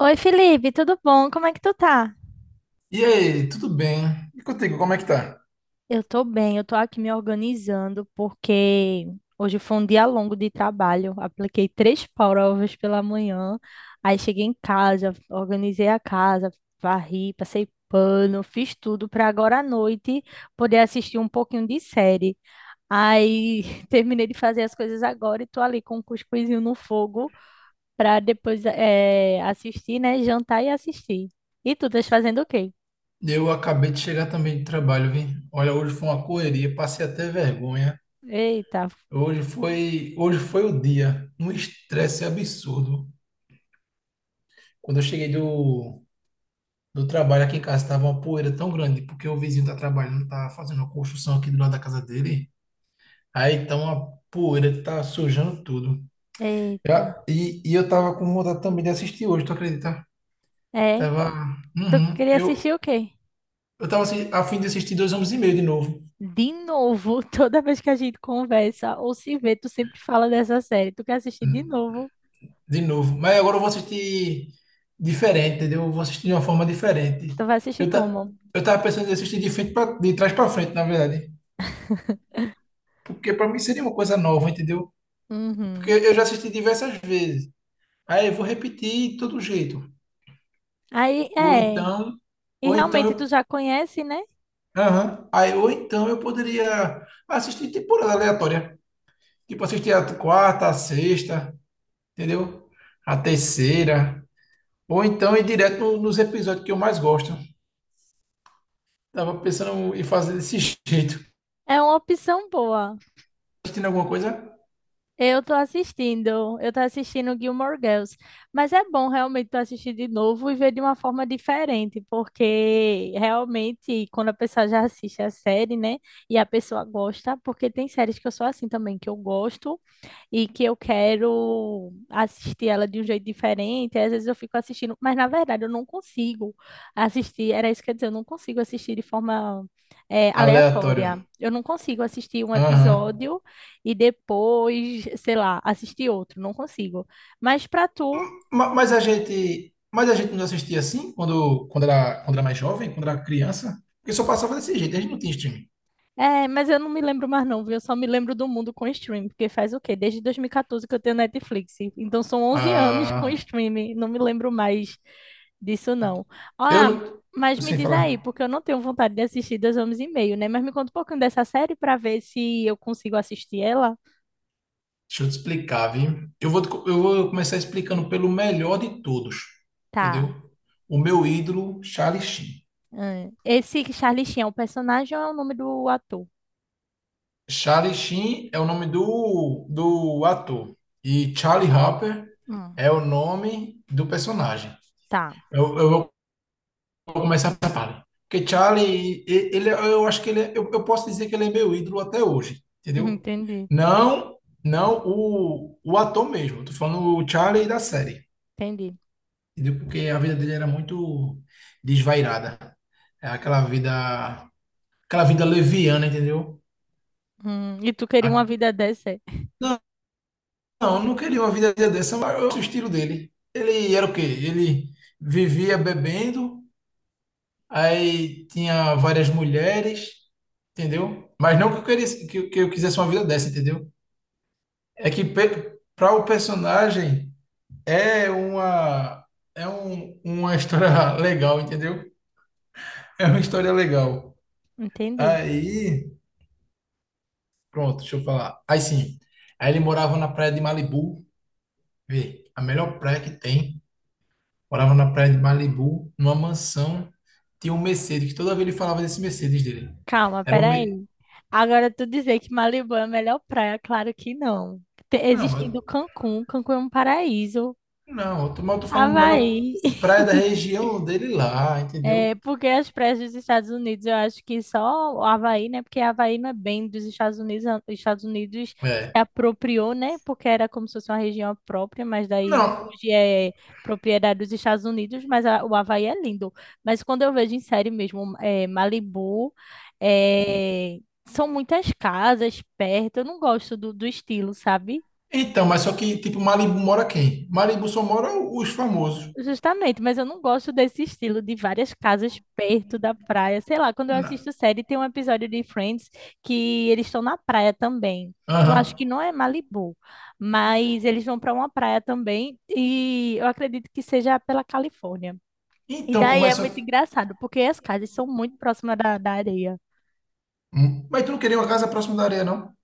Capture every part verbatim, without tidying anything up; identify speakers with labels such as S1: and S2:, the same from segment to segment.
S1: Oi, Felipe, tudo bom? Como é que tu tá?
S2: E aí, tudo bem? E contigo, como é que tá?
S1: Eu tô bem, eu tô aqui me organizando porque hoje foi um dia longo de trabalho. Apliquei três provas pela manhã, aí cheguei em casa, organizei a casa, varri, passei pano, fiz tudo para agora à noite poder assistir um pouquinho de série. Aí terminei de fazer as coisas agora e tô ali com um cuscuzinho no fogo para depois eh, assistir, né? Jantar e assistir. E tu, estás fazendo o quê?
S2: Eu acabei de chegar também de trabalho, vi. Olha, hoje foi uma correria, passei até vergonha.
S1: Eita,
S2: Hoje foi, hoje foi o dia, um estresse absurdo. Quando eu cheguei do, Do trabalho aqui em casa tava uma poeira tão grande, porque o vizinho tá trabalhando, tá fazendo uma construção aqui do lado da casa dele. Aí tá uma poeira que tá sujando tudo. Já-
S1: eita.
S2: E, e eu tava com vontade também de assistir hoje, tu acredita?
S1: É,
S2: Tava.
S1: tu
S2: Uhum.
S1: queria assistir
S2: Eu,
S1: o quê?
S2: eu tava assi- a fim de assistir Dois Homens e Meio de novo.
S1: De novo, toda vez que a gente conversa ou se vê, tu sempre fala dessa série. Tu quer assistir de novo?
S2: De novo. Mas agora eu vou assistir diferente, entendeu? Eu vou assistir de uma forma diferente.
S1: Tu vai assistir
S2: Eu, ta,
S1: como?
S2: eu tava pensando em assistir de frente pra, de trás pra frente, na verdade. Porque pra mim seria uma coisa nova, entendeu? Porque
S1: Uhum.
S2: eu já assisti diversas vezes. Aí eu vou repetir de todo jeito.
S1: Aí,
S2: Ou
S1: é.
S2: então,
S1: E
S2: ou então
S1: realmente tu
S2: eu,
S1: já conhece, né?
S2: Aham. Aí, ou então eu poderia assistir temporada aleatória. Tipo, assistir a quarta, a sexta, entendeu? A terceira. Ou então ir direto no- nos episódios que eu mais gosto. Tava pensando em fazer desse jeito.
S1: É uma opção boa.
S2: Assistindo alguma coisa
S1: Eu tô assistindo, eu tô assistindo Gilmore Girls, mas é bom realmente tu assistir de novo e ver de uma forma diferente, porque realmente quando a pessoa já assiste a série, né, e a pessoa gosta, porque tem séries que eu sou assim também, que eu gosto, e que eu quero assistir ela de um jeito diferente. Aí às vezes eu fico assistindo, mas na verdade eu não consigo assistir. Era isso que eu ia dizer, eu não consigo assistir de forma eh,
S2: aleatório.
S1: aleatória. Eu não consigo assistir um
S2: Aham.
S1: episódio e depois, sei lá, assistir outro. Não consigo. Mas para tu
S2: Ma- Mas a gente, mas a gente não assistia assim quando, quando era, quando era mais jovem, quando era criança. Porque só passava desse jeito, a gente não tinha streaming.
S1: é, mas eu não me lembro mais não, viu? Eu só me lembro do mundo com Stream porque faz o quê? Desde dois mil e quatorze que eu tenho Netflix. Então são onze anos com
S2: Ah.
S1: streaming, não me lembro mais disso não.
S2: Eu
S1: Ah,
S2: não.
S1: mas
S2: eu
S1: me
S2: Sem
S1: diz aí,
S2: falar.
S1: porque eu não tenho vontade de assistir Dois Homens e Meio, né? Mas me conta um pouquinho dessa série pra ver se eu consigo assistir ela.
S2: Deixa eu te explicar, viu? Eu vou, te co- eu vou começar explicando pelo melhor de todos,
S1: Tá.
S2: entendeu? O meu ídolo, Charlie Sheen.
S1: Hum. Esse Charlie Sheen é o personagem ou é o nome do ator?
S2: Charlie Sheen é o nome do, do ator. E Charlie Harper
S1: Hum,
S2: é o nome do personagem.
S1: tá.
S2: Eu, eu vou começar por Charlie. Porque Charlie, e- ele, eu acho que ele é, eu, eu posso dizer que ele é meu ídolo até hoje,
S1: Hum,
S2: entendeu?
S1: entendi,
S2: Não, não o, o ator mesmo. Tô falando o Charlie da série.
S1: entendi.
S2: Entendeu? Porque a vida dele era muito desvairada. É aquela vida, aquela vida, leviana, entendeu?
S1: Hum, e tu queria uma
S2: A-
S1: vida dessa?
S2: Não, não, eu não queria uma vida dessa, mas eu- o estilo dele. Ele era o quê? Ele vivia bebendo, aí tinha várias mulheres, entendeu? Mas não que eu queria, que, eu- que eu quisesse uma vida dessa, entendeu? É que para o personagem é uma é um, uma história legal, entendeu? É uma história legal.
S1: Entendi.
S2: Aí Pronto, deixa eu falar. Aí sim. Aí ele morava na praia de Malibu, vê, a melhor praia que tem. Morava na praia de Malibu, numa mansão. Tinha um Mercedes, que toda vez ele falava desse Mercedes dele.
S1: Calma,
S2: Era um. Me...
S1: peraí. Agora tu dizer que Malibu é a melhor praia, claro que não. Te-
S2: Não,
S1: Existindo
S2: eu...
S1: Cancún, Cancún é um paraíso.
S2: não, eu tô, mas eu tô falando a melhor
S1: Havaí,
S2: praia da região dele lá, entendeu?
S1: é, porque as praias dos Estados Unidos, eu acho que só o Havaí, né? Porque Havaí não é bem dos Estados Unidos, a- os Estados Unidos se
S2: É.
S1: apropriou, né? Porque era como se fosse uma região própria, mas daí
S2: Não,
S1: hoje é propriedade dos Estados Unidos, mas a- o Havaí é lindo. Mas quando eu vejo em série mesmo, é, Malibu, é, são muitas casas perto, eu não gosto do, do estilo, sabe?
S2: então, mas só que, tipo, Malibu mora quem? Malibu só mora os famosos.
S1: Justamente, mas eu não gosto desse estilo de várias casas perto da praia. Sei lá, quando eu
S2: Na-
S1: assisto série, tem um episódio de Friends que eles estão na praia também. Eu acho
S2: Aham.
S1: que não é Malibu, mas eles vão para uma praia também e eu acredito que seja pela Califórnia. E
S2: Então, pô,
S1: daí é
S2: mas só
S1: muito
S2: que.
S1: engraçado, porque as casas são muito próximas da, da areia.
S2: Hum. Mas tu não queria uma casa próxima da areia, não?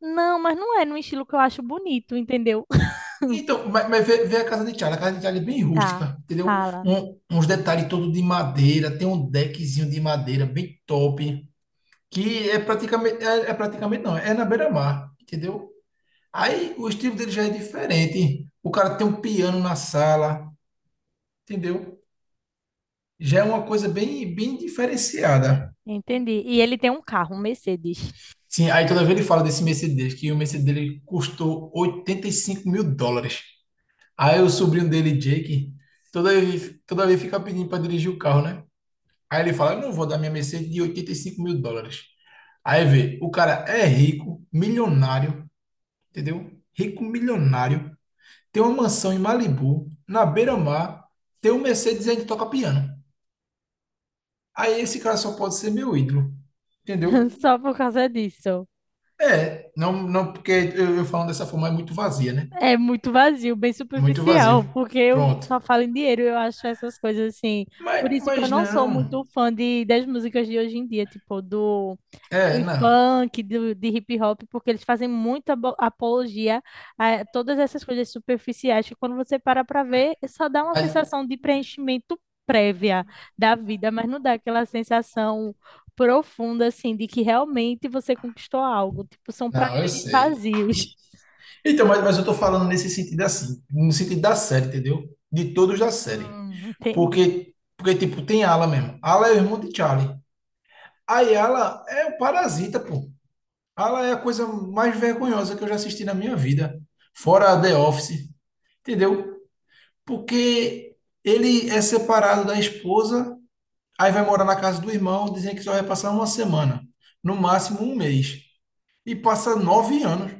S1: Não, mas não é num estilo que eu acho bonito, entendeu?
S2: Então, mas, mas vê, vê, a casa de Thiago. A casa de Thiago é bem
S1: Tá,
S2: rústica, entendeu?
S1: fala.
S2: Um- uns detalhes todo de madeira, tem um deckzinho de madeira bem top, que é praticamente, é, é praticamente não, é na beira-mar, entendeu? Aí o estilo dele já é diferente. O cara tem um piano na sala, entendeu? Já é uma coisa bem, bem diferenciada.
S1: Entendi. E ele tem um carro, um Mercedes,
S2: Sim, aí toda vez ele fala desse Mercedes, que o Mercedes dele custou oitenta e cinco mil dólares. Aí o sobrinho dele, Jake, toda vez, toda vez fica pedindo para dirigir o carro, né? Aí ele fala, eu não vou dar minha Mercedes de oitenta e cinco mil dólares. Aí vê, o cara é rico, milionário, entendeu? Rico, milionário, tem uma mansão em Malibu, na beira-mar, tem um Mercedes e ainda toca piano. Aí esse cara só pode ser meu ídolo, entendeu?
S1: só por causa disso.
S2: É, não, não porque eu, eu falando dessa forma é muito vazia, né?
S1: É muito vazio, bem
S2: Muito vazio.
S1: superficial, porque eu
S2: Pronto.
S1: só falo em dinheiro, eu acho essas coisas assim.
S2: Mas,
S1: Por isso que eu
S2: mas
S1: não sou
S2: não.
S1: muito fã de, das músicas de hoje em dia, tipo do,
S2: É,
S1: do
S2: não.
S1: funk, do, de hip hop, porque eles fazem muita abo- apologia a todas essas coisas superficiais que quando você para pra ver, só dá uma
S2: Mas,
S1: sensação de preenchimento prévia da vida, mas não dá aquela sensação profunda, assim, de que realmente você conquistou algo. Tipo, são
S2: não, eu
S1: prazeres
S2: sei.
S1: vazios.
S2: Então, mas, mas eu tô falando nesse sentido assim, no sentido da série, entendeu? De todos da série.
S1: Hum, entendi.
S2: Porque, porque tipo, tem Ala mesmo. Ala é o irmão de Charlie. Aí Ala é o parasita, pô. Ala é a coisa mais vergonhosa que eu já assisti na minha vida. Fora The Office, entendeu? Porque ele é separado da esposa, aí vai morar na casa do irmão, dizendo que só vai passar uma semana. No máximo um mês. E passa nove anos.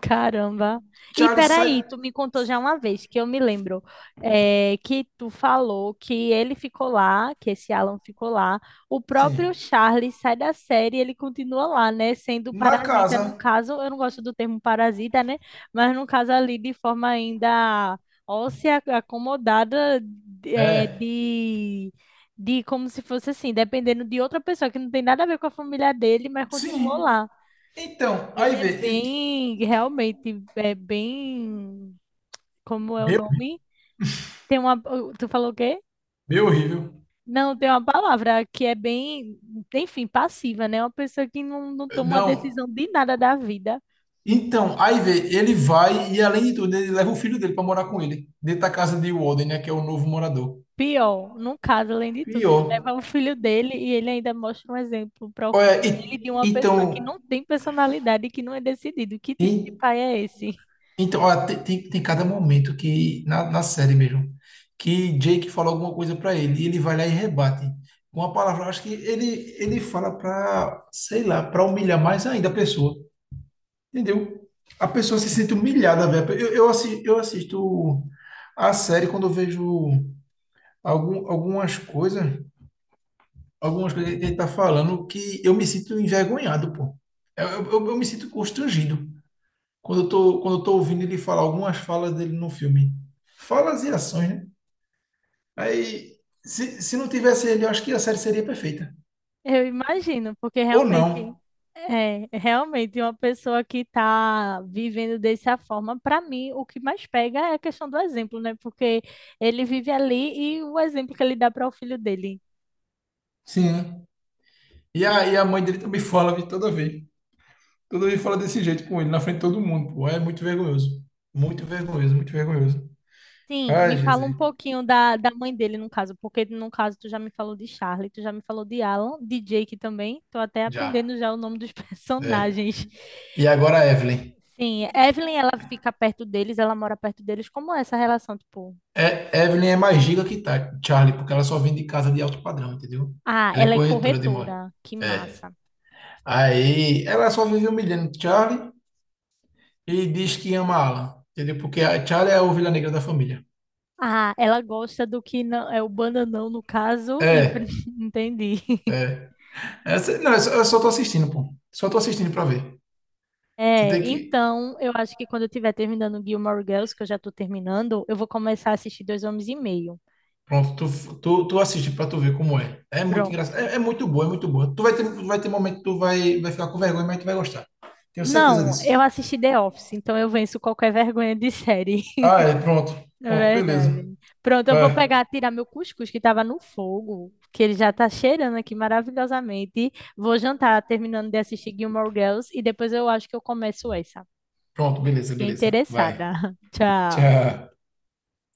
S1: Caramba. E
S2: Charlie sai,
S1: peraí, tu me contou já uma vez que eu me lembro eh, que tu falou que ele ficou lá, que esse Alan ficou lá. O
S2: sim,
S1: próprio Charlie sai da série, e ele continua lá, né? Sendo
S2: na
S1: parasita, no
S2: casa.
S1: caso, eu não gosto do termo parasita, né? Mas no caso ali de forma ainda óssea, acomodada eh,
S2: É,
S1: de, de como se fosse assim, dependendo de outra pessoa que não tem nada a ver com a família dele, mas continuou
S2: Sim.
S1: lá.
S2: Então,
S1: Ele
S2: aí
S1: é
S2: vê. ele-
S1: bem, realmente, é bem, como é o
S2: Meu,
S1: nome? Tem uma, tu falou o quê?
S2: meu horrível.
S1: Não, tem uma palavra que é bem, enfim, passiva, né? Uma pessoa que não, não toma uma
S2: Não.
S1: decisão de nada da vida.
S2: Então, aí vê, ele vai e além de tudo, ele leva o filho dele pra morar com ele, dentro da casa de Walden, né, que é o novo morador.
S1: Pior, no caso, além de tudo, ele
S2: Pior.
S1: leva o filho dele e ele ainda mostra um exemplo para o
S2: Olha,
S1: filho dele de
S2: e-
S1: uma pessoa que
S2: então,
S1: não tem personalidade e que não é decidido. Que tipo de
S2: e-
S1: pai é esse?
S2: então, olha, tem, tem, tem cada momento que na, na série mesmo que Jake fala alguma coisa pra ele e ele vai lá e rebate com uma palavra. Acho que ele ele fala pra, sei lá, pra humilhar mais ainda a pessoa. Entendeu? A pessoa se sente humilhada, velho. Eu, eu, assi- eu assisto a série quando eu vejo algum, algumas coisas, algumas coisas que ele tá falando que eu me sinto envergonhado, pô. É, Eu, eu, eu me sinto constrangido quando eu tô, quando eu tô ouvindo ele falar algumas falas dele no filme. Falas e ações, né? Aí, se, se não tivesse ele, eu acho que a série seria perfeita.
S1: Eu imagino, porque
S2: Ou não.
S1: realmente é realmente uma pessoa que está vivendo dessa forma, para mim, o que mais pega é a questão do exemplo, né? Porque ele vive ali e o exemplo que ele dá para o filho dele.
S2: Sim. Né? E a, e a mãe dele também fala de toda vez. Toda vez fala desse jeito com ele, na frente de todo mundo, pô. É muito vergonhoso. Muito vergonhoso, muito vergonhoso.
S1: Sim,
S2: Ai,
S1: me fala
S2: Jesus.
S1: um pouquinho da, da mãe dele, no caso, porque no caso tu já me falou de Charlie, tu já me falou de Alan, de Jake também, tô até
S2: Já.
S1: aprendendo já o nome dos
S2: É.
S1: personagens.
S2: E agora a Evelyn.
S1: Sim, Evelyn, ela fica perto deles, ela mora perto deles. Como é essa relação, tipo?
S2: É, Evelyn é mais giga que tá, Charlie, porque ela só vem de casa de alto padrão, entendeu?
S1: Ah,
S2: Ela é
S1: ela é
S2: corretora de imóvel.
S1: corretora. Que
S2: É.
S1: massa.
S2: Aí ela só vive humilhando Charlie e diz que ama Alan, entendeu? Porque a Charlie é a ovelha negra da família.
S1: Ah, ela gosta do que não é o bananão no caso e
S2: É,
S1: entendi.
S2: é. Essa- não, eu só, eu só tô assistindo, pô. Só tô assistindo pra ver. Você
S1: É,
S2: tem que.
S1: então, eu acho que quando eu estiver terminando Gilmore Girls, que eu já estou terminando, eu vou começar a assistir Dois Homens e Meio.
S2: Pronto, tu, tu, tu assiste pra tu ver como é. É muito engraçado. É,
S1: Pronto.
S2: é muito boa, é muito boa. Tu vai ter, tu vai ter momento que tu vai, vai ficar com vergonha, mas tu vai gostar. Tenho certeza
S1: Não, eu
S2: disso.
S1: assisti The Office, então eu venço qualquer vergonha de série.
S2: Ah, é, pronto.
S1: É
S2: Pronto, beleza.
S1: verdade. Pronto, eu vou
S2: Vai.
S1: pegar, tirar meu cuscuz que estava no fogo, que ele já tá cheirando aqui maravilhosamente. Vou jantar, terminando de assistir Gilmore Girls, e depois eu acho que eu começo essa.
S2: Pronto, beleza,
S1: Fiquei
S2: beleza. Vai.
S1: interessada. Tchau.
S2: Tchau.